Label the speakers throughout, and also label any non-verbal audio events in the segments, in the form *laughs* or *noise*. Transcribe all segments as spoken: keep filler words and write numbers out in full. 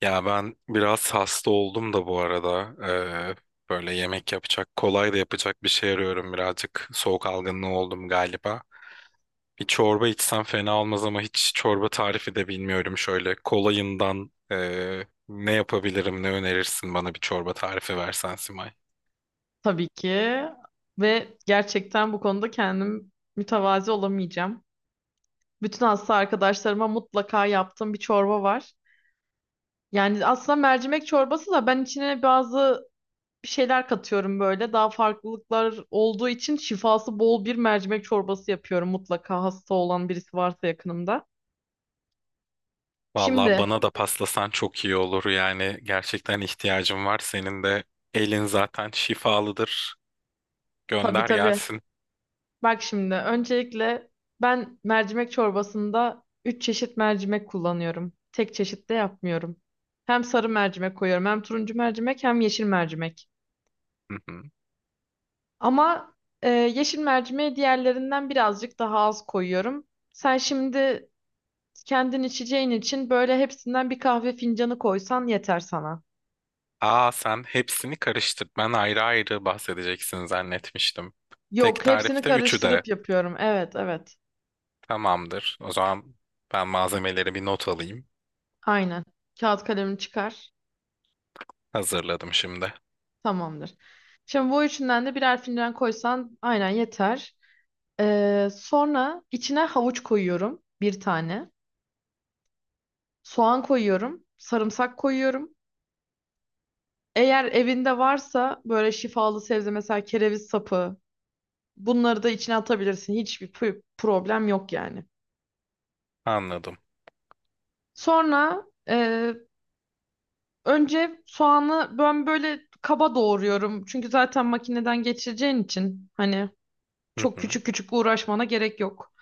Speaker 1: Ya ben biraz hasta oldum da bu arada. Ee, Böyle yemek yapacak, kolay da yapacak bir şey arıyorum birazcık. Soğuk algınlığı oldum galiba. Bir çorba içsem fena olmaz ama hiç çorba tarifi de bilmiyorum. Şöyle kolayından ee, ne yapabilirim, ne önerirsin bana bir çorba tarifi versen Simay.
Speaker 2: Tabii ki. Ve gerçekten bu konuda kendim mütevazi olamayacağım. Bütün hasta arkadaşlarıma mutlaka yaptığım bir çorba var. Yani aslında mercimek çorbası da ben içine bazı bir şeyler katıyorum böyle. Daha farklılıklar olduğu için şifası bol bir mercimek çorbası yapıyorum mutlaka hasta olan birisi varsa yakınımda.
Speaker 1: Vallahi
Speaker 2: Şimdi,
Speaker 1: bana da paslasan çok iyi olur. Yani gerçekten ihtiyacım var. Senin de elin zaten şifalıdır.
Speaker 2: tabii
Speaker 1: Gönder
Speaker 2: tabii.
Speaker 1: gelsin.
Speaker 2: Bak şimdi, öncelikle ben mercimek çorbasında üç çeşit mercimek kullanıyorum. Tek çeşit de yapmıyorum. Hem sarı mercimek koyuyorum, hem turuncu mercimek, hem yeşil mercimek.
Speaker 1: *laughs*
Speaker 2: Ama e, yeşil mercimeği diğerlerinden birazcık daha az koyuyorum. Sen şimdi kendin içeceğin için böyle hepsinden bir kahve fincanı koysan yeter sana.
Speaker 1: Aa sen hepsini karıştır. Ben ayrı ayrı bahsedeceksin zannetmiştim. Tek
Speaker 2: Yok, hepsini
Speaker 1: tarifte üçü de
Speaker 2: karıştırıp yapıyorum. Evet, evet.
Speaker 1: tamamdır. O zaman ben malzemeleri bir not alayım.
Speaker 2: Aynen. Kağıt kalemini çıkar.
Speaker 1: Hazırladım şimdi.
Speaker 2: Tamamdır. Şimdi bu üçünden de birer fincan koysan aynen yeter. Ee, sonra içine havuç koyuyorum bir tane. Soğan koyuyorum. Sarımsak koyuyorum. Eğer evinde varsa böyle şifalı sebze mesela kereviz sapı bunları da içine atabilirsin. Hiçbir pü- problem yok yani.
Speaker 1: Anladım.
Speaker 2: Sonra e, önce soğanı ben böyle kaba doğruyorum. Çünkü zaten makineden geçireceğin için hani
Speaker 1: Hı
Speaker 2: çok
Speaker 1: hı.
Speaker 2: küçük küçük uğraşmana gerek yok.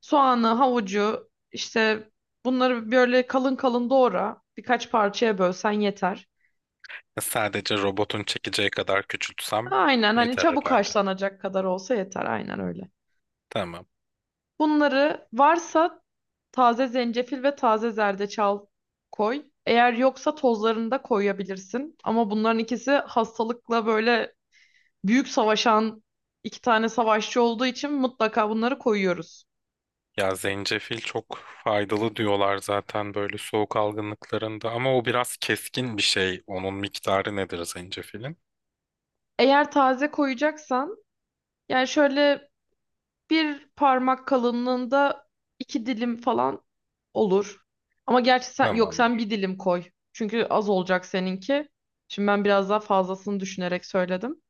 Speaker 2: Soğanı, havucu, işte bunları böyle kalın kalın doğra. Birkaç parçaya bölsen yeter.
Speaker 1: E, Sadece robotun çekeceği kadar küçültsem
Speaker 2: Aynen, hani
Speaker 1: yeter
Speaker 2: çabuk
Speaker 1: herhalde.
Speaker 2: haşlanacak kadar olsa yeter. Aynen öyle.
Speaker 1: Tamam.
Speaker 2: Bunları varsa taze zencefil ve taze zerdeçal koy. Eğer yoksa tozlarını da koyabilirsin. Ama bunların ikisi hastalıkla böyle büyük savaşan iki tane savaşçı olduğu için mutlaka bunları koyuyoruz.
Speaker 1: Ya zencefil çok faydalı diyorlar zaten böyle soğuk algınlıklarında ama o biraz keskin bir şey. Onun miktarı nedir zencefilin?
Speaker 2: Eğer taze koyacaksan yani şöyle bir parmak kalınlığında iki dilim falan olur. Ama gerçi sen, yok sen
Speaker 1: Tamamdır.
Speaker 2: bir dilim koy. Çünkü az olacak seninki. Şimdi ben biraz daha fazlasını düşünerek söyledim.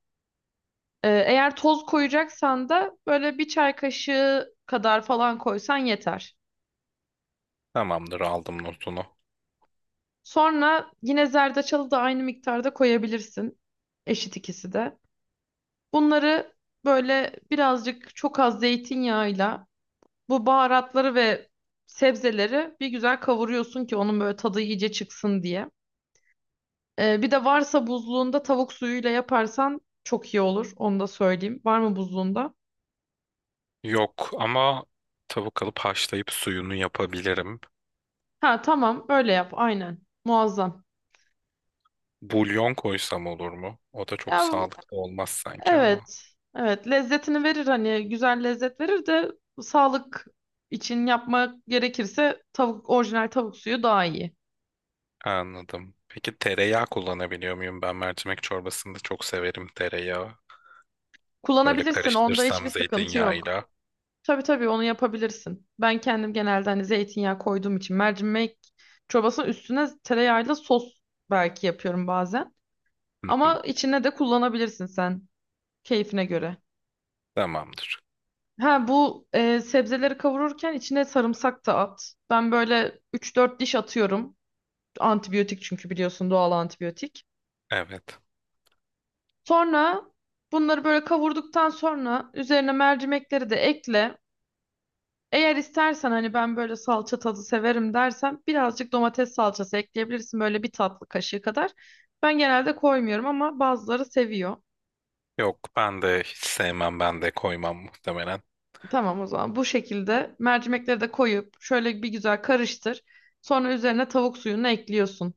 Speaker 2: Ee, eğer toz koyacaksan da böyle bir çay kaşığı kadar falan koysan yeter.
Speaker 1: Tamamdır aldım notunu.
Speaker 2: Sonra yine zerdeçalı da aynı miktarda koyabilirsin. Eşit ikisi de. Bunları böyle birazcık çok az zeytinyağıyla bu baharatları ve sebzeleri bir güzel kavuruyorsun ki onun böyle tadı iyice çıksın diye. Ee, bir de varsa buzluğunda tavuk suyuyla yaparsan çok iyi olur. Onu da söyleyeyim. Var mı buzluğunda?
Speaker 1: Yok ama tavuk alıp haşlayıp suyunu yapabilirim.
Speaker 2: Ha, tamam öyle yap aynen. Muazzam.
Speaker 1: Bulyon koysam olur mu? O da çok
Speaker 2: Ya,
Speaker 1: sağlıklı olmaz sanki ama.
Speaker 2: evet. Evet, lezzetini verir, hani güzel lezzet verir de sağlık için yapmak gerekirse tavuk, orijinal tavuk suyu daha iyi.
Speaker 1: Anladım. Peki tereyağı kullanabiliyor muyum? Ben mercimek çorbasında çok severim tereyağı. Böyle
Speaker 2: Kullanabilirsin, onda
Speaker 1: karıştırsam
Speaker 2: hiçbir sıkıntı yok.
Speaker 1: zeytinyağıyla.
Speaker 2: Tabii tabii, onu yapabilirsin. Ben kendim genelde hani zeytinyağı koyduğum için mercimek çorbasının üstüne tereyağıyla sos belki yapıyorum bazen.
Speaker 1: Hı hı.
Speaker 2: Ama içine de kullanabilirsin sen, keyfine göre.
Speaker 1: Tamamdır.
Speaker 2: Ha, bu e, sebzeleri kavururken içine sarımsak da at. Ben böyle üç dört diş atıyorum. Antibiyotik çünkü, biliyorsun, doğal antibiyotik.
Speaker 1: Evet.
Speaker 2: Sonra bunları böyle kavurduktan sonra üzerine mercimekleri de ekle. Eğer istersen hani ben böyle salça tadı severim dersen birazcık domates salçası ekleyebilirsin, böyle bir tatlı kaşığı kadar. Ben genelde koymuyorum ama bazıları seviyor.
Speaker 1: Yok ben de hiç sevmem ben de koymam muhtemelen.
Speaker 2: Tamam, o zaman bu şekilde mercimekleri de koyup şöyle bir güzel karıştır. Sonra üzerine tavuk suyunu ekliyorsun.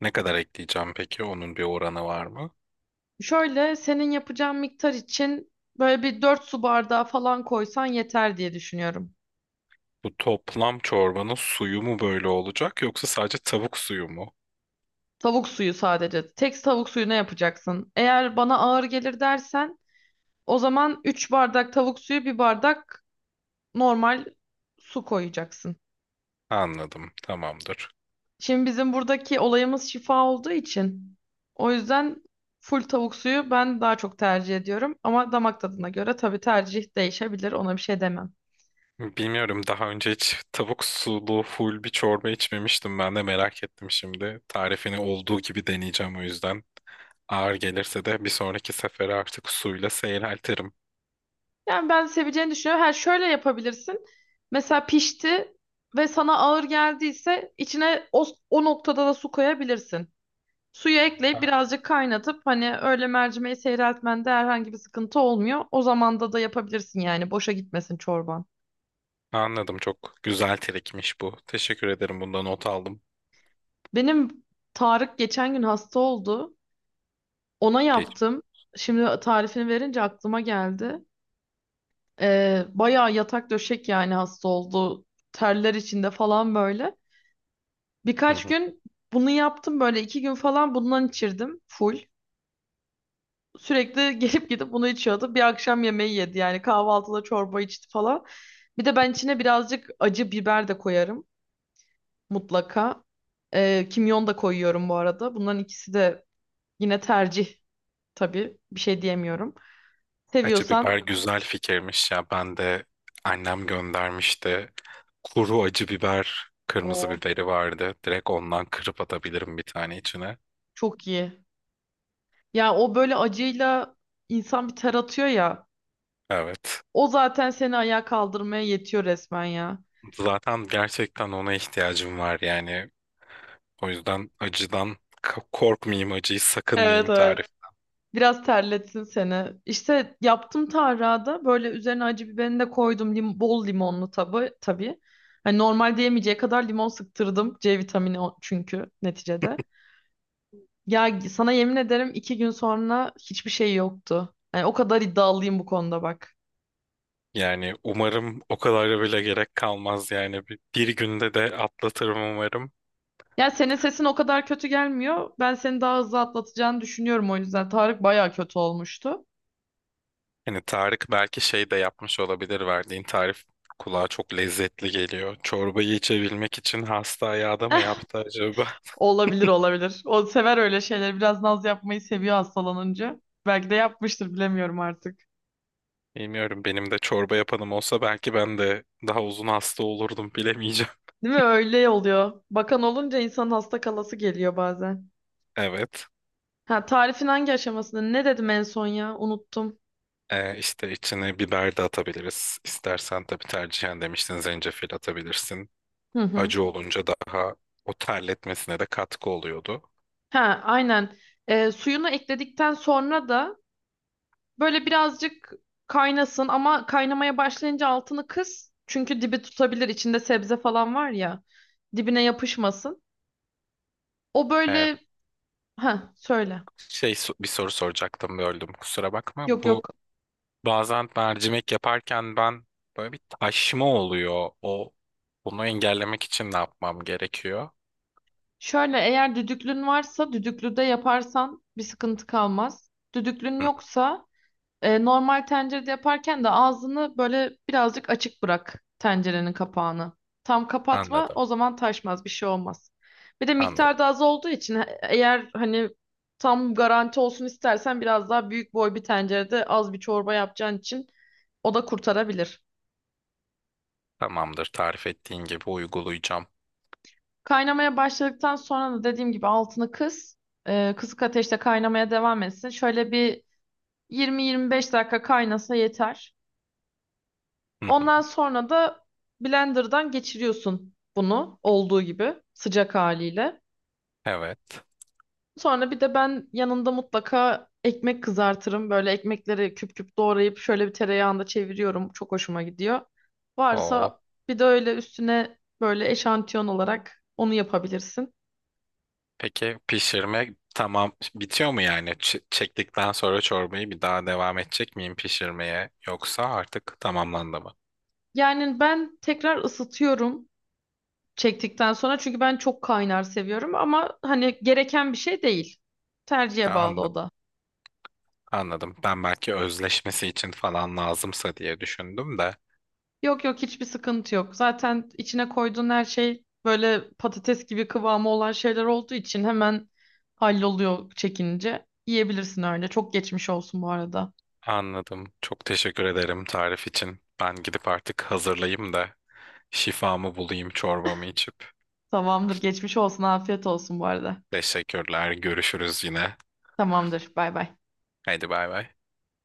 Speaker 1: Ne kadar ekleyeceğim peki? Onun bir oranı var mı?
Speaker 2: Şöyle, senin yapacağın miktar için böyle bir dört su bardağı falan koysan yeter diye düşünüyorum.
Speaker 1: Bu toplam çorbanın suyu mu böyle olacak yoksa sadece tavuk suyu mu?
Speaker 2: Tavuk suyu sadece. Tek tavuk suyuna yapacaksın. Eğer bana ağır gelir dersen o zaman üç bardak tavuk suyu, bir bardak normal su koyacaksın.
Speaker 1: Anladım. Tamamdır.
Speaker 2: Şimdi bizim buradaki olayımız şifa olduğu için o yüzden full tavuk suyu ben daha çok tercih ediyorum. Ama damak tadına göre tabii tercih değişebilir, ona bir şey demem.
Speaker 1: Bilmiyorum daha önce hiç tavuk sulu full bir çorba içmemiştim. Ben de merak ettim şimdi. Tarifini olduğu gibi deneyeceğim o yüzden. Ağır gelirse de bir sonraki sefere artık suyla seyreltirim.
Speaker 2: Yani ben seveceğini düşünüyorum. Ha, şöyle yapabilirsin. Mesela pişti ve sana ağır geldiyse içine o, o noktada da su koyabilirsin. Suyu
Speaker 1: Ha,
Speaker 2: ekleyip birazcık kaynatıp hani öyle mercimeği seyreltmende herhangi bir sıkıntı olmuyor. O zamanda da yapabilirsin yani, boşa gitmesin çorban.
Speaker 1: anladım. Çok güzel trikmiş bu. Teşekkür ederim. Bundan not aldım.
Speaker 2: Benim Tarık geçen gün hasta oldu. Ona
Speaker 1: Geç.
Speaker 2: yaptım. Şimdi tarifini verince aklıma geldi. Ee, bayağı yatak döşek yani hasta oldu. Terler içinde falan böyle.
Speaker 1: Hı
Speaker 2: Birkaç
Speaker 1: hı.
Speaker 2: gün bunu yaptım, böyle iki gün falan bundan içirdim full. Sürekli *laughs* gelip gidip bunu içiyordu. Bir akşam yemeği yedi yani, kahvaltıda çorba içti falan. Bir de ben içine birazcık acı biber de koyarım mutlaka. Ee, kimyon da koyuyorum bu arada. Bunların ikisi de yine tercih. Tabii bir şey diyemiyorum.
Speaker 1: Acı biber
Speaker 2: Seviyorsan
Speaker 1: güzel fikirmiş ya. Ben de annem göndermişti. Kuru acı biber, kırmızı
Speaker 2: o
Speaker 1: biberi vardı. Direkt ondan kırıp atabilirim bir tane içine.
Speaker 2: çok iyi. Ya o böyle acıyla insan bir ter atıyor ya.
Speaker 1: Evet.
Speaker 2: O zaten seni ayağa kaldırmaya yetiyor resmen ya.
Speaker 1: Zaten gerçekten ona ihtiyacım var yani. O yüzden acıdan k- korkmayayım, acıyı
Speaker 2: Evet,
Speaker 1: sakınmayayım
Speaker 2: evet.
Speaker 1: tarif.
Speaker 2: Biraz terletsin seni. İşte yaptım tarhana, böyle üzerine acı biberini de koydum. Lim bol limonlu tabi tabii. Hani normalde yemeyeceği kadar limon sıktırdım. C vitamini o- çünkü neticede. Ya sana yemin ederim iki gün sonra hiçbir şey yoktu. Hani o kadar iddialıyım bu konuda, bak.
Speaker 1: Yani umarım o kadar bile gerek kalmaz yani. Bir, bir günde de atlatırım umarım.
Speaker 2: Ya senin sesin o kadar kötü gelmiyor. Ben seni daha hızlı atlatacağını düşünüyorum o yüzden. Tarık bayağı kötü olmuştu.
Speaker 1: Hani Tarık belki şey de yapmış olabilir verdiğin tarif kulağa çok lezzetli geliyor. Çorbayı içebilmek için hasta ayağı da mı
Speaker 2: *laughs*
Speaker 1: yaptı acaba?
Speaker 2: Olabilir, olabilir. O sever öyle şeyleri. Biraz naz yapmayı seviyor hastalanınca. Belki de yapmıştır, bilemiyorum artık.
Speaker 1: Bilmiyorum benim de çorba yapanım olsa belki ben de daha uzun hasta olurdum bilemeyeceğim. *laughs*
Speaker 2: Değil mi? Öyle oluyor. Bakan olunca insanın hasta kalası geliyor bazen.
Speaker 1: Evet.
Speaker 2: Ha, tarifin hangi aşamasında? Ne dedim en son ya? Unuttum.
Speaker 1: Ee, işte içine biber de atabiliriz. İstersen tabii tercihen demiştin zencefil atabilirsin.
Speaker 2: Hı hı.
Speaker 1: Acı olunca daha o terletmesine de katkı oluyordu.
Speaker 2: Ha, aynen. Ee, suyunu ekledikten sonra da böyle birazcık kaynasın ama kaynamaya başlayınca altını kıs. Çünkü dibi tutabilir. İçinde sebze falan var ya. Dibine yapışmasın. O
Speaker 1: Ee,
Speaker 2: böyle, ha söyle.
Speaker 1: şey so- Bir soru soracaktım böldüm kusura bakma.
Speaker 2: Yok,
Speaker 1: Bu
Speaker 2: yok.
Speaker 1: Bazen mercimek yaparken ben böyle bir taşma oluyor. O bunu engellemek için ne yapmam gerekiyor?
Speaker 2: Şöyle, eğer düdüklün varsa düdüklüde yaparsan bir sıkıntı kalmaz. Düdüklün
Speaker 1: Hı, hı,
Speaker 2: yoksa, E, normal tencerede yaparken de ağzını böyle birazcık açık bırak tencerenin kapağını. Tam kapatma,
Speaker 1: anladım.
Speaker 2: o zaman taşmaz, bir şey olmaz. Bir de miktar
Speaker 1: Anladım.
Speaker 2: da az olduğu için e- eğer hani tam garanti olsun istersen biraz daha büyük boy bir tencerede az bir çorba yapacağın için o da kurtarabilir.
Speaker 1: Tamamdır. Tarif ettiğin gibi uygulayacağım.
Speaker 2: Kaynamaya başladıktan sonra da dediğim gibi altını kıs. E, kısık ateşte kaynamaya devam etsin. Şöyle bir yirmi yirmi beş dakika kaynasa yeter.
Speaker 1: Hı hı.
Speaker 2: Ondan sonra da blenderdan geçiriyorsun bunu olduğu gibi sıcak haliyle.
Speaker 1: Evet.
Speaker 2: Sonra bir de ben yanında mutlaka ekmek kızartırım. Böyle ekmekleri küp küp doğrayıp şöyle bir tereyağında çeviriyorum. Çok hoşuma gidiyor.
Speaker 1: O
Speaker 2: Varsa bir de öyle üstüne böyle eşantiyon olarak onu yapabilirsin.
Speaker 1: peki pişirme tamam bitiyor mu yani? Ç- çektikten sonra çorbayı bir daha devam edecek miyim pişirmeye yoksa artık tamamlandı mı?
Speaker 2: Yani ben tekrar ısıtıyorum çektikten sonra çünkü ben çok kaynar seviyorum, ama hani gereken bir şey değil. Tercihe
Speaker 1: Ha,
Speaker 2: bağlı o
Speaker 1: anladım.
Speaker 2: da.
Speaker 1: Anladım. Ben belki özleşmesi için falan lazımsa diye düşündüm de.
Speaker 2: Yok, yok, hiçbir sıkıntı yok. Zaten içine koyduğun her şey böyle patates gibi kıvamı olan şeyler olduğu için hemen halloluyor çekince. Yiyebilirsin öyle. Çok geçmiş olsun bu arada.
Speaker 1: Anladım. Çok teşekkür ederim tarif için. Ben gidip artık hazırlayayım da şifamı bulayım çorbamı içip.
Speaker 2: Tamamdır, geçmiş olsun. Afiyet olsun bu arada.
Speaker 1: Teşekkürler. Görüşürüz yine.
Speaker 2: Tamamdır. Bay bay.
Speaker 1: Haydi bay bay.